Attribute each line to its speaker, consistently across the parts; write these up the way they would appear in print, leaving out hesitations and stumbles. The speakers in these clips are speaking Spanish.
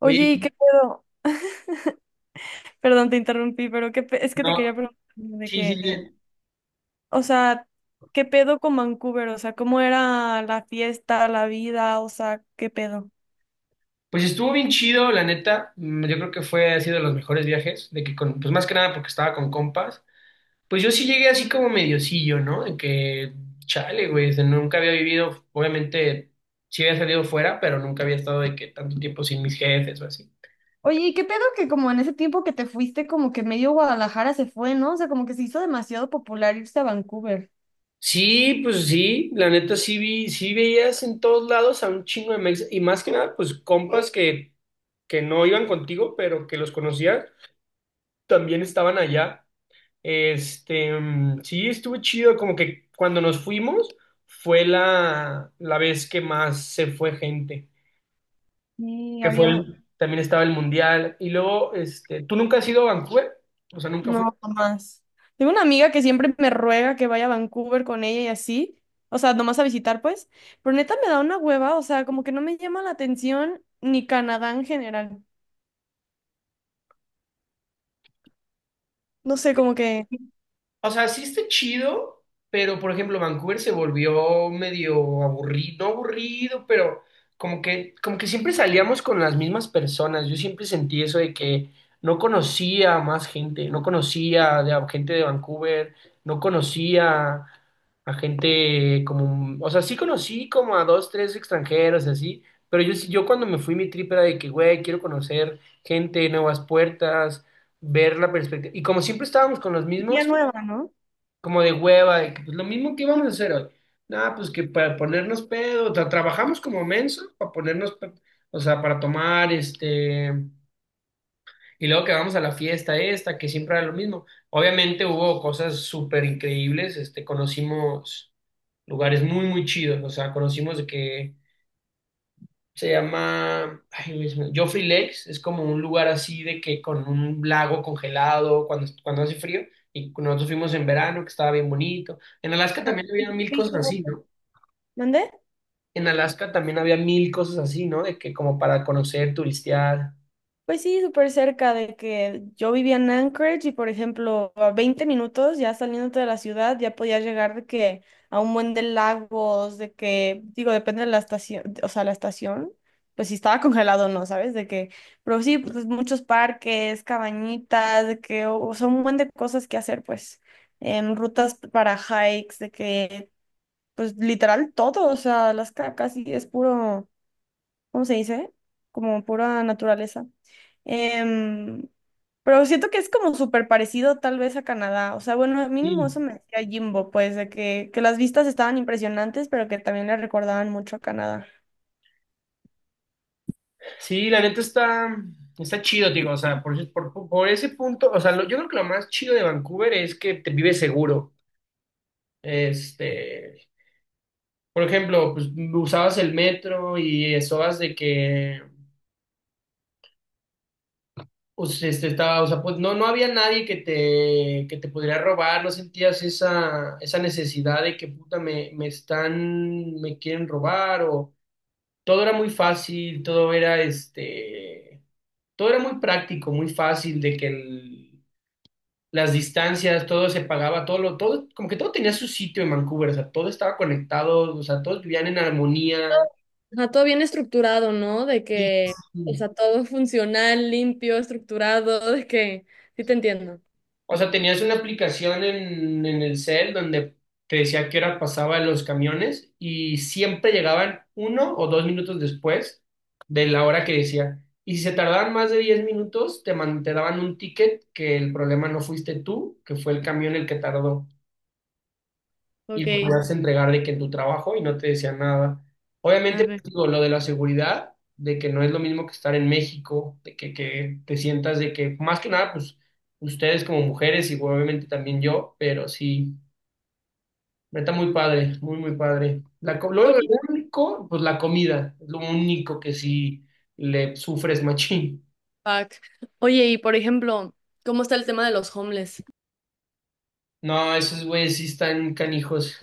Speaker 1: Oye,
Speaker 2: Oye, ¿y qué pedo? Perdón, te interrumpí, pero es que
Speaker 1: no,
Speaker 2: te quería preguntar de
Speaker 1: sí, sí,
Speaker 2: que,
Speaker 1: sí.
Speaker 2: o sea, ¿qué pedo con Vancouver? O sea, ¿cómo era la fiesta, la vida? O sea, ¿qué pedo?
Speaker 1: Pues estuvo bien chido, la neta. Yo creo que fue así de los mejores viajes, de que con, pues más que nada porque estaba con compas. Pues yo sí llegué así como mediocillo, ¿no? De que, chale, güey, o sea, nunca había vivido, obviamente, sí había salido fuera, pero nunca había estado de que tanto tiempo sin mis jefes o así.
Speaker 2: Oye, ¿y qué pedo que como en ese tiempo que te fuiste, como que medio Guadalajara se fue, ¿no? O sea, como que se hizo demasiado popular irse a Vancouver.
Speaker 1: Sí, pues sí, la neta sí vi, sí veías en todos lados a un chingo de mex y más que nada, pues compas que no iban contigo, pero que los conocías, también estaban allá. Este, sí, estuvo chido, como que cuando nos fuimos fue la vez que más se fue gente,
Speaker 2: Sí, había.
Speaker 1: también estaba el mundial. Y luego, este, ¿tú nunca has ido a Vancouver? O sea, nunca.
Speaker 2: No, más. Tengo una amiga que siempre me ruega que vaya a Vancouver con ella y así. O sea, nomás a visitar, pues. Pero neta me da una hueva. O sea, como que no me llama la atención ni Canadá en general. No sé, como que.
Speaker 1: O sea, sí está chido, pero por ejemplo, Vancouver se volvió medio aburrido, no aburrido, pero como que siempre salíamos con las mismas personas. Yo siempre sentí eso de que no conocía a más gente, no conocía de, a gente de Vancouver, no conocía a gente como, o sea, sí conocí como a dos, tres extranjeros y así, pero yo, yo cuando me fui mi trip era de que, güey, quiero conocer gente, nuevas puertas, ver la perspectiva. Y como siempre estábamos con los
Speaker 2: Día
Speaker 1: mismos,
Speaker 2: nueva, ¿no?
Speaker 1: como de hueva, de que pues lo mismo que íbamos a hacer hoy. Nada, pues que para ponernos pedo, trabajamos como menso para ponernos, o sea, para tomar, este, y luego que vamos a la fiesta esta, que siempre era lo mismo. Obviamente hubo cosas súper increíbles, este, conocimos lugares muy, muy chidos, o sea, conocimos de que se llama, ay, güey, Joffrey Lakes, es como un lugar así de que con un lago congelado cuando hace frío, y nosotros fuimos en verano, que estaba bien bonito. En Alaska también había mil cosas así, ¿no?
Speaker 2: ¿Mande?
Speaker 1: En Alaska también había mil cosas así, ¿no? De que como para conocer, turistear.
Speaker 2: Pues sí, súper cerca de que yo vivía en Anchorage y, por ejemplo, a 20 minutos ya saliéndote de la ciudad ya podías llegar de que a un buen de lagos, de que, digo, depende de la estación, o sea, la estación, pues si estaba congelado o no, ¿sabes? De que, pero sí, pues muchos parques, cabañitas, de que o, son un buen de cosas que hacer, pues, rutas para hikes, de que, pues literal todo, o sea, Alaska casi es puro. ¿Cómo se dice? Como pura naturaleza. Em, pero siento que es como súper parecido tal vez a Canadá. O sea, bueno, mínimo
Speaker 1: Sí,
Speaker 2: eso me decía Jimbo, pues, de que las vistas estaban impresionantes, pero que también le recordaban mucho a Canadá.
Speaker 1: sí, la neta está chido, digo, o sea, por ese punto, o sea, yo creo que lo más chido de Vancouver es que te vives seguro. Este, por ejemplo, pues usabas el metro y estabas de que. O sea, este, estaba, o sea, pues no había nadie que te, que te pudiera robar, no sentías esa necesidad de que puta me, me quieren robar, o todo era muy fácil, todo era este, todo era muy práctico, muy fácil, de que las distancias, todo se pagaba, todo lo, todo, como que todo tenía su sitio en Vancouver, o sea, todo estaba conectado, o sea, todos vivían en armonía.
Speaker 2: Ajá, todo bien estructurado, ¿no? De
Speaker 1: Sí.
Speaker 2: que o sea,
Speaker 1: Sí.
Speaker 2: todo funcional, limpio, estructurado, de que sí te entiendo.
Speaker 1: O sea, tenías una aplicación en el cel donde te decía qué hora pasaban los camiones y siempre llegaban uno o dos minutos después de la hora que decía. Y si se tardaban más de 10 minutos, te, te daban un ticket que el problema no fuiste tú, que fue el camión el que tardó y lo
Speaker 2: Ok,
Speaker 1: podías entregar de que en tu trabajo y no te decían nada. Obviamente,
Speaker 2: arre.
Speaker 1: pues, digo, lo de la seguridad, de que no es lo mismo que estar en México, de que te sientas de que, más que nada, pues ustedes como mujeres y obviamente también yo, pero sí, está muy padre, muy, muy padre. Lo
Speaker 2: Oye,
Speaker 1: único, pues la comida, es lo único que sí le sufres machín.
Speaker 2: fuck. Oye, y por ejemplo, ¿cómo está el tema de los homeless?
Speaker 1: No, esos güeyes sí están canijos.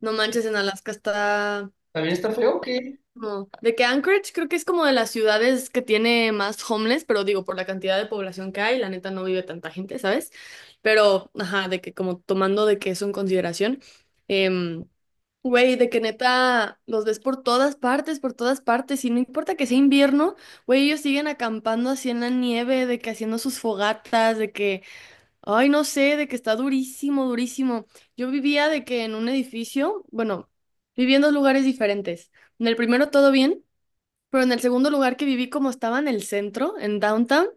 Speaker 2: No manches, en Alaska está.
Speaker 1: También está feo que,
Speaker 2: No, de que Anchorage creo que es como de las ciudades que tiene más homeless, pero digo, por la cantidad de población que hay, la neta no vive tanta gente, ¿sabes? Pero, ajá, de que como tomando de que eso en consideración, em, güey, de que neta los ves por todas partes, y no importa que sea invierno, güey, ellos siguen acampando así en la nieve, de que haciendo sus fogatas, de que, ay, no sé, de que está durísimo, durísimo. Yo vivía de que en un edificio, bueno, vivía en dos lugares diferentes. En el primero todo bien. Pero en el segundo lugar que viví, como estaba en el centro, en downtown,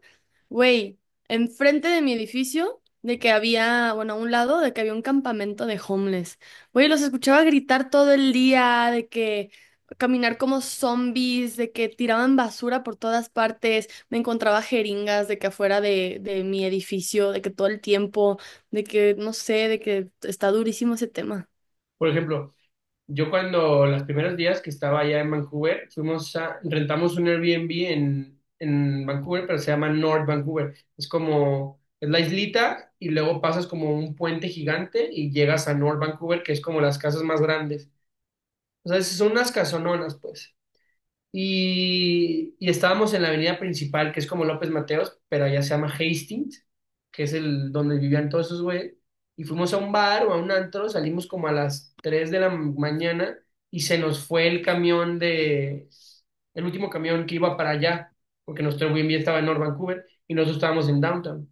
Speaker 2: güey, enfrente de mi edificio, de que había, bueno, a un lado, de que había un campamento de homeless. Güey, los escuchaba gritar todo el día, de que caminar como zombies, de que tiraban basura por todas partes. Me encontraba jeringas de que afuera de mi edificio, de que todo el tiempo, de que, no sé, de que está durísimo ese tema.
Speaker 1: por ejemplo, yo cuando los primeros días que estaba allá en Vancouver, fuimos a, rentamos un Airbnb en Vancouver, pero se llama North Vancouver. Es como, es la islita y luego pasas como un puente gigante y llegas a North Vancouver, que es como las casas más grandes. O sea, son unas casononas, pues. Y estábamos en la avenida principal, que es como López Mateos, pero allá se llama Hastings, que es el donde vivían todos esos güeyes. Y fuimos a un bar o a un antro, salimos como a las 3 de la mañana y se nos fue el camión de, el último camión que iba para allá, porque nuestro Airbnb estaba en North Vancouver y nosotros estábamos en Downtown.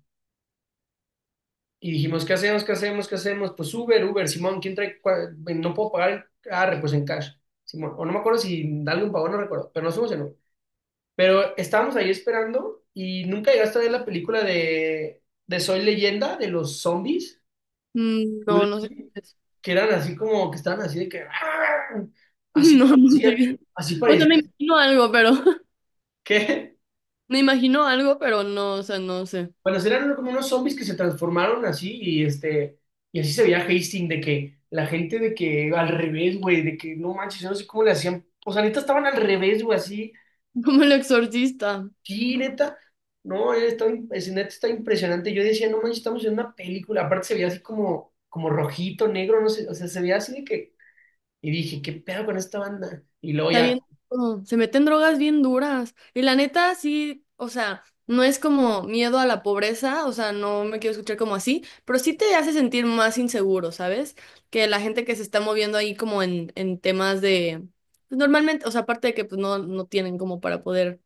Speaker 1: Y dijimos, ¿qué hacemos? ¿Qué hacemos? ¿Qué hacemos? Pues Uber, Uber, Simón, ¿quién trae? No puedo pagar, ah, pues en cash. Simón, o no me acuerdo si alguien pagó, no recuerdo, pero nos fuimos en Uber. Pero estábamos ahí esperando y nunca llegaste a ver la película de Soy Leyenda, de los zombies,
Speaker 2: Mm, no,
Speaker 1: Will
Speaker 2: no sé.
Speaker 1: Smith,
Speaker 2: Qué es.
Speaker 1: que eran así como, que estaban así de que, "Ah", así
Speaker 2: No, no
Speaker 1: parecía,
Speaker 2: sé.
Speaker 1: así
Speaker 2: O sea,
Speaker 1: parecía,
Speaker 2: me imagino algo, pero.
Speaker 1: que,
Speaker 2: Me imagino algo, pero no, o sea, no sé.
Speaker 1: bueno, sí eran como unos zombies que se transformaron así y este, y así se veía Hastings de que la gente de que al revés, güey, de que no manches, yo no sé cómo le hacían, o sea, neta estaban al revés, güey, así.
Speaker 2: Como el exorcista.
Speaker 1: Sí, neta. No, él está es, neta está impresionante. Yo decía, no manches, estamos en una película. Aparte se veía así como, como rojito, negro, no sé, o sea, se veía así de que. Y dije, ¿qué pedo con esta banda? Y luego
Speaker 2: Está
Speaker 1: ya.
Speaker 2: bien, oh, se meten drogas bien duras. Y la neta, sí, o sea, no es como miedo a la pobreza, o sea, no me quiero escuchar como así, pero sí te hace sentir más inseguro, ¿sabes? Que la gente que se está moviendo ahí como en temas de... Pues, normalmente, o sea, aparte de que pues no, no tienen como para poder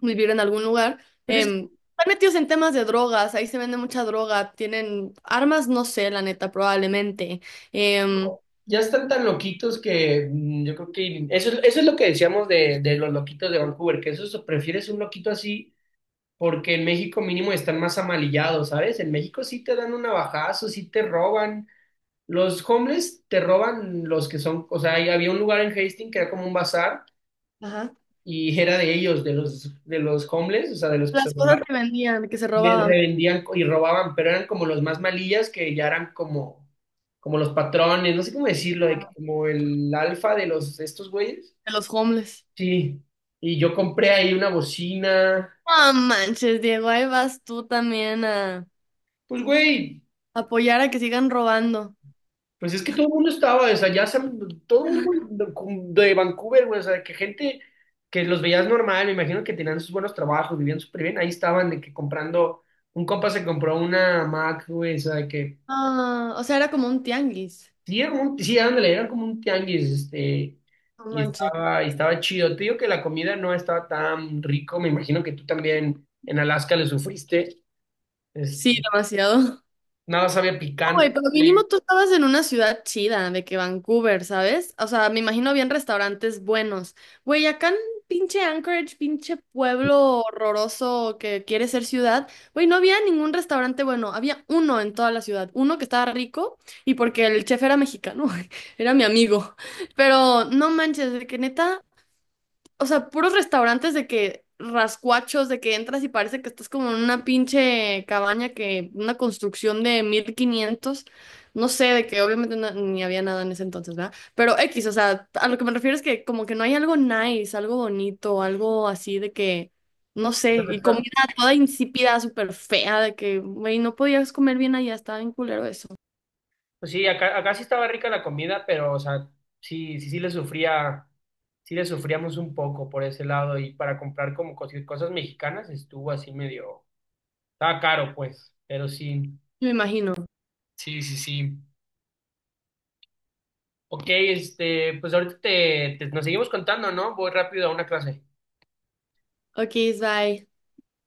Speaker 2: vivir en algún lugar.
Speaker 1: Pero es que
Speaker 2: Están metidos en temas de drogas, ahí se vende mucha droga, tienen armas, no sé, la neta, probablemente. em,
Speaker 1: ya están tan loquitos que yo creo que. Eso, eso es lo que decíamos de los loquitos de Vancouver, que prefieres un loquito así, porque en México mínimo están más amalillados, ¿sabes? En México sí te dan un navajazo, sí te roban. Los homeless te roban los que son, o sea, ahí había un lugar en Hastings que era como un bazar
Speaker 2: Ajá.
Speaker 1: y era de ellos, de los homeless, o sea, de los que se
Speaker 2: Las
Speaker 1: robaban,
Speaker 2: cosas que vendían, que se
Speaker 1: les
Speaker 2: robaban
Speaker 1: revendían y robaban, pero eran como los más malillas que ya eran como, como los patrones, no sé cómo decirlo, de que como el alfa de los, de estos güeyes.
Speaker 2: de los homeless.
Speaker 1: Sí, y yo compré ahí una bocina,
Speaker 2: No manches, Diego, ahí vas tú también a
Speaker 1: pues güey.
Speaker 2: apoyar a que sigan robando.
Speaker 1: Pues es que todo el mundo estaba, o sea, todo el mundo de Vancouver, güey, o sea, que gente que los veías normal, me imagino que tenían sus buenos trabajos, vivían súper bien, ahí estaban de que comprando, un compa se compró una Mac, güey, o sea, de que
Speaker 2: Ah, o sea, era como un tianguis.
Speaker 1: sí, era un, sí, ándale, era como un tianguis, este,
Speaker 2: No manches.
Speaker 1: y estaba chido. Te digo que la comida no estaba tan rico, me imagino que tú también en Alaska le sufriste,
Speaker 2: Sí,
Speaker 1: este,
Speaker 2: demasiado.
Speaker 1: nada sabía
Speaker 2: Güey,
Speaker 1: picante.
Speaker 2: pero mínimo tú estabas en una ciudad chida, de que Vancouver, ¿sabes? O sea, me imagino bien restaurantes buenos. Güey, acá en pinche Anchorage, pinche pueblo horroroso que quiere ser ciudad, güey, no había ningún restaurante bueno, había uno en toda la ciudad, uno que estaba rico y porque el chef era mexicano, era mi amigo, pero no manches, de que neta o sea, puros restaurantes de que rascuachos, de que entras y parece que estás como en una pinche cabaña que una construcción de 1500 no sé, de que obviamente ni había nada en ese entonces, ¿verdad? Pero X, o sea, a lo que me refiero es que como que no hay algo nice, algo bonito, algo así de que, no sé, y comida toda insípida, súper fea, de que, güey, no podías comer bien allá, estaba bien culero eso.
Speaker 1: Pues sí, acá, acá sí estaba rica la comida, pero, o sea, sí, sí, sí le sufría, sí le sufríamos un poco por ese lado y para comprar como cosas mexicanas estuvo así medio, estaba caro pues, pero sí,
Speaker 2: Me imagino.
Speaker 1: sí, sí, sí. Ok, este, pues ahorita te, nos seguimos contando, ¿no? Voy rápido a una clase.
Speaker 2: Ok, bye.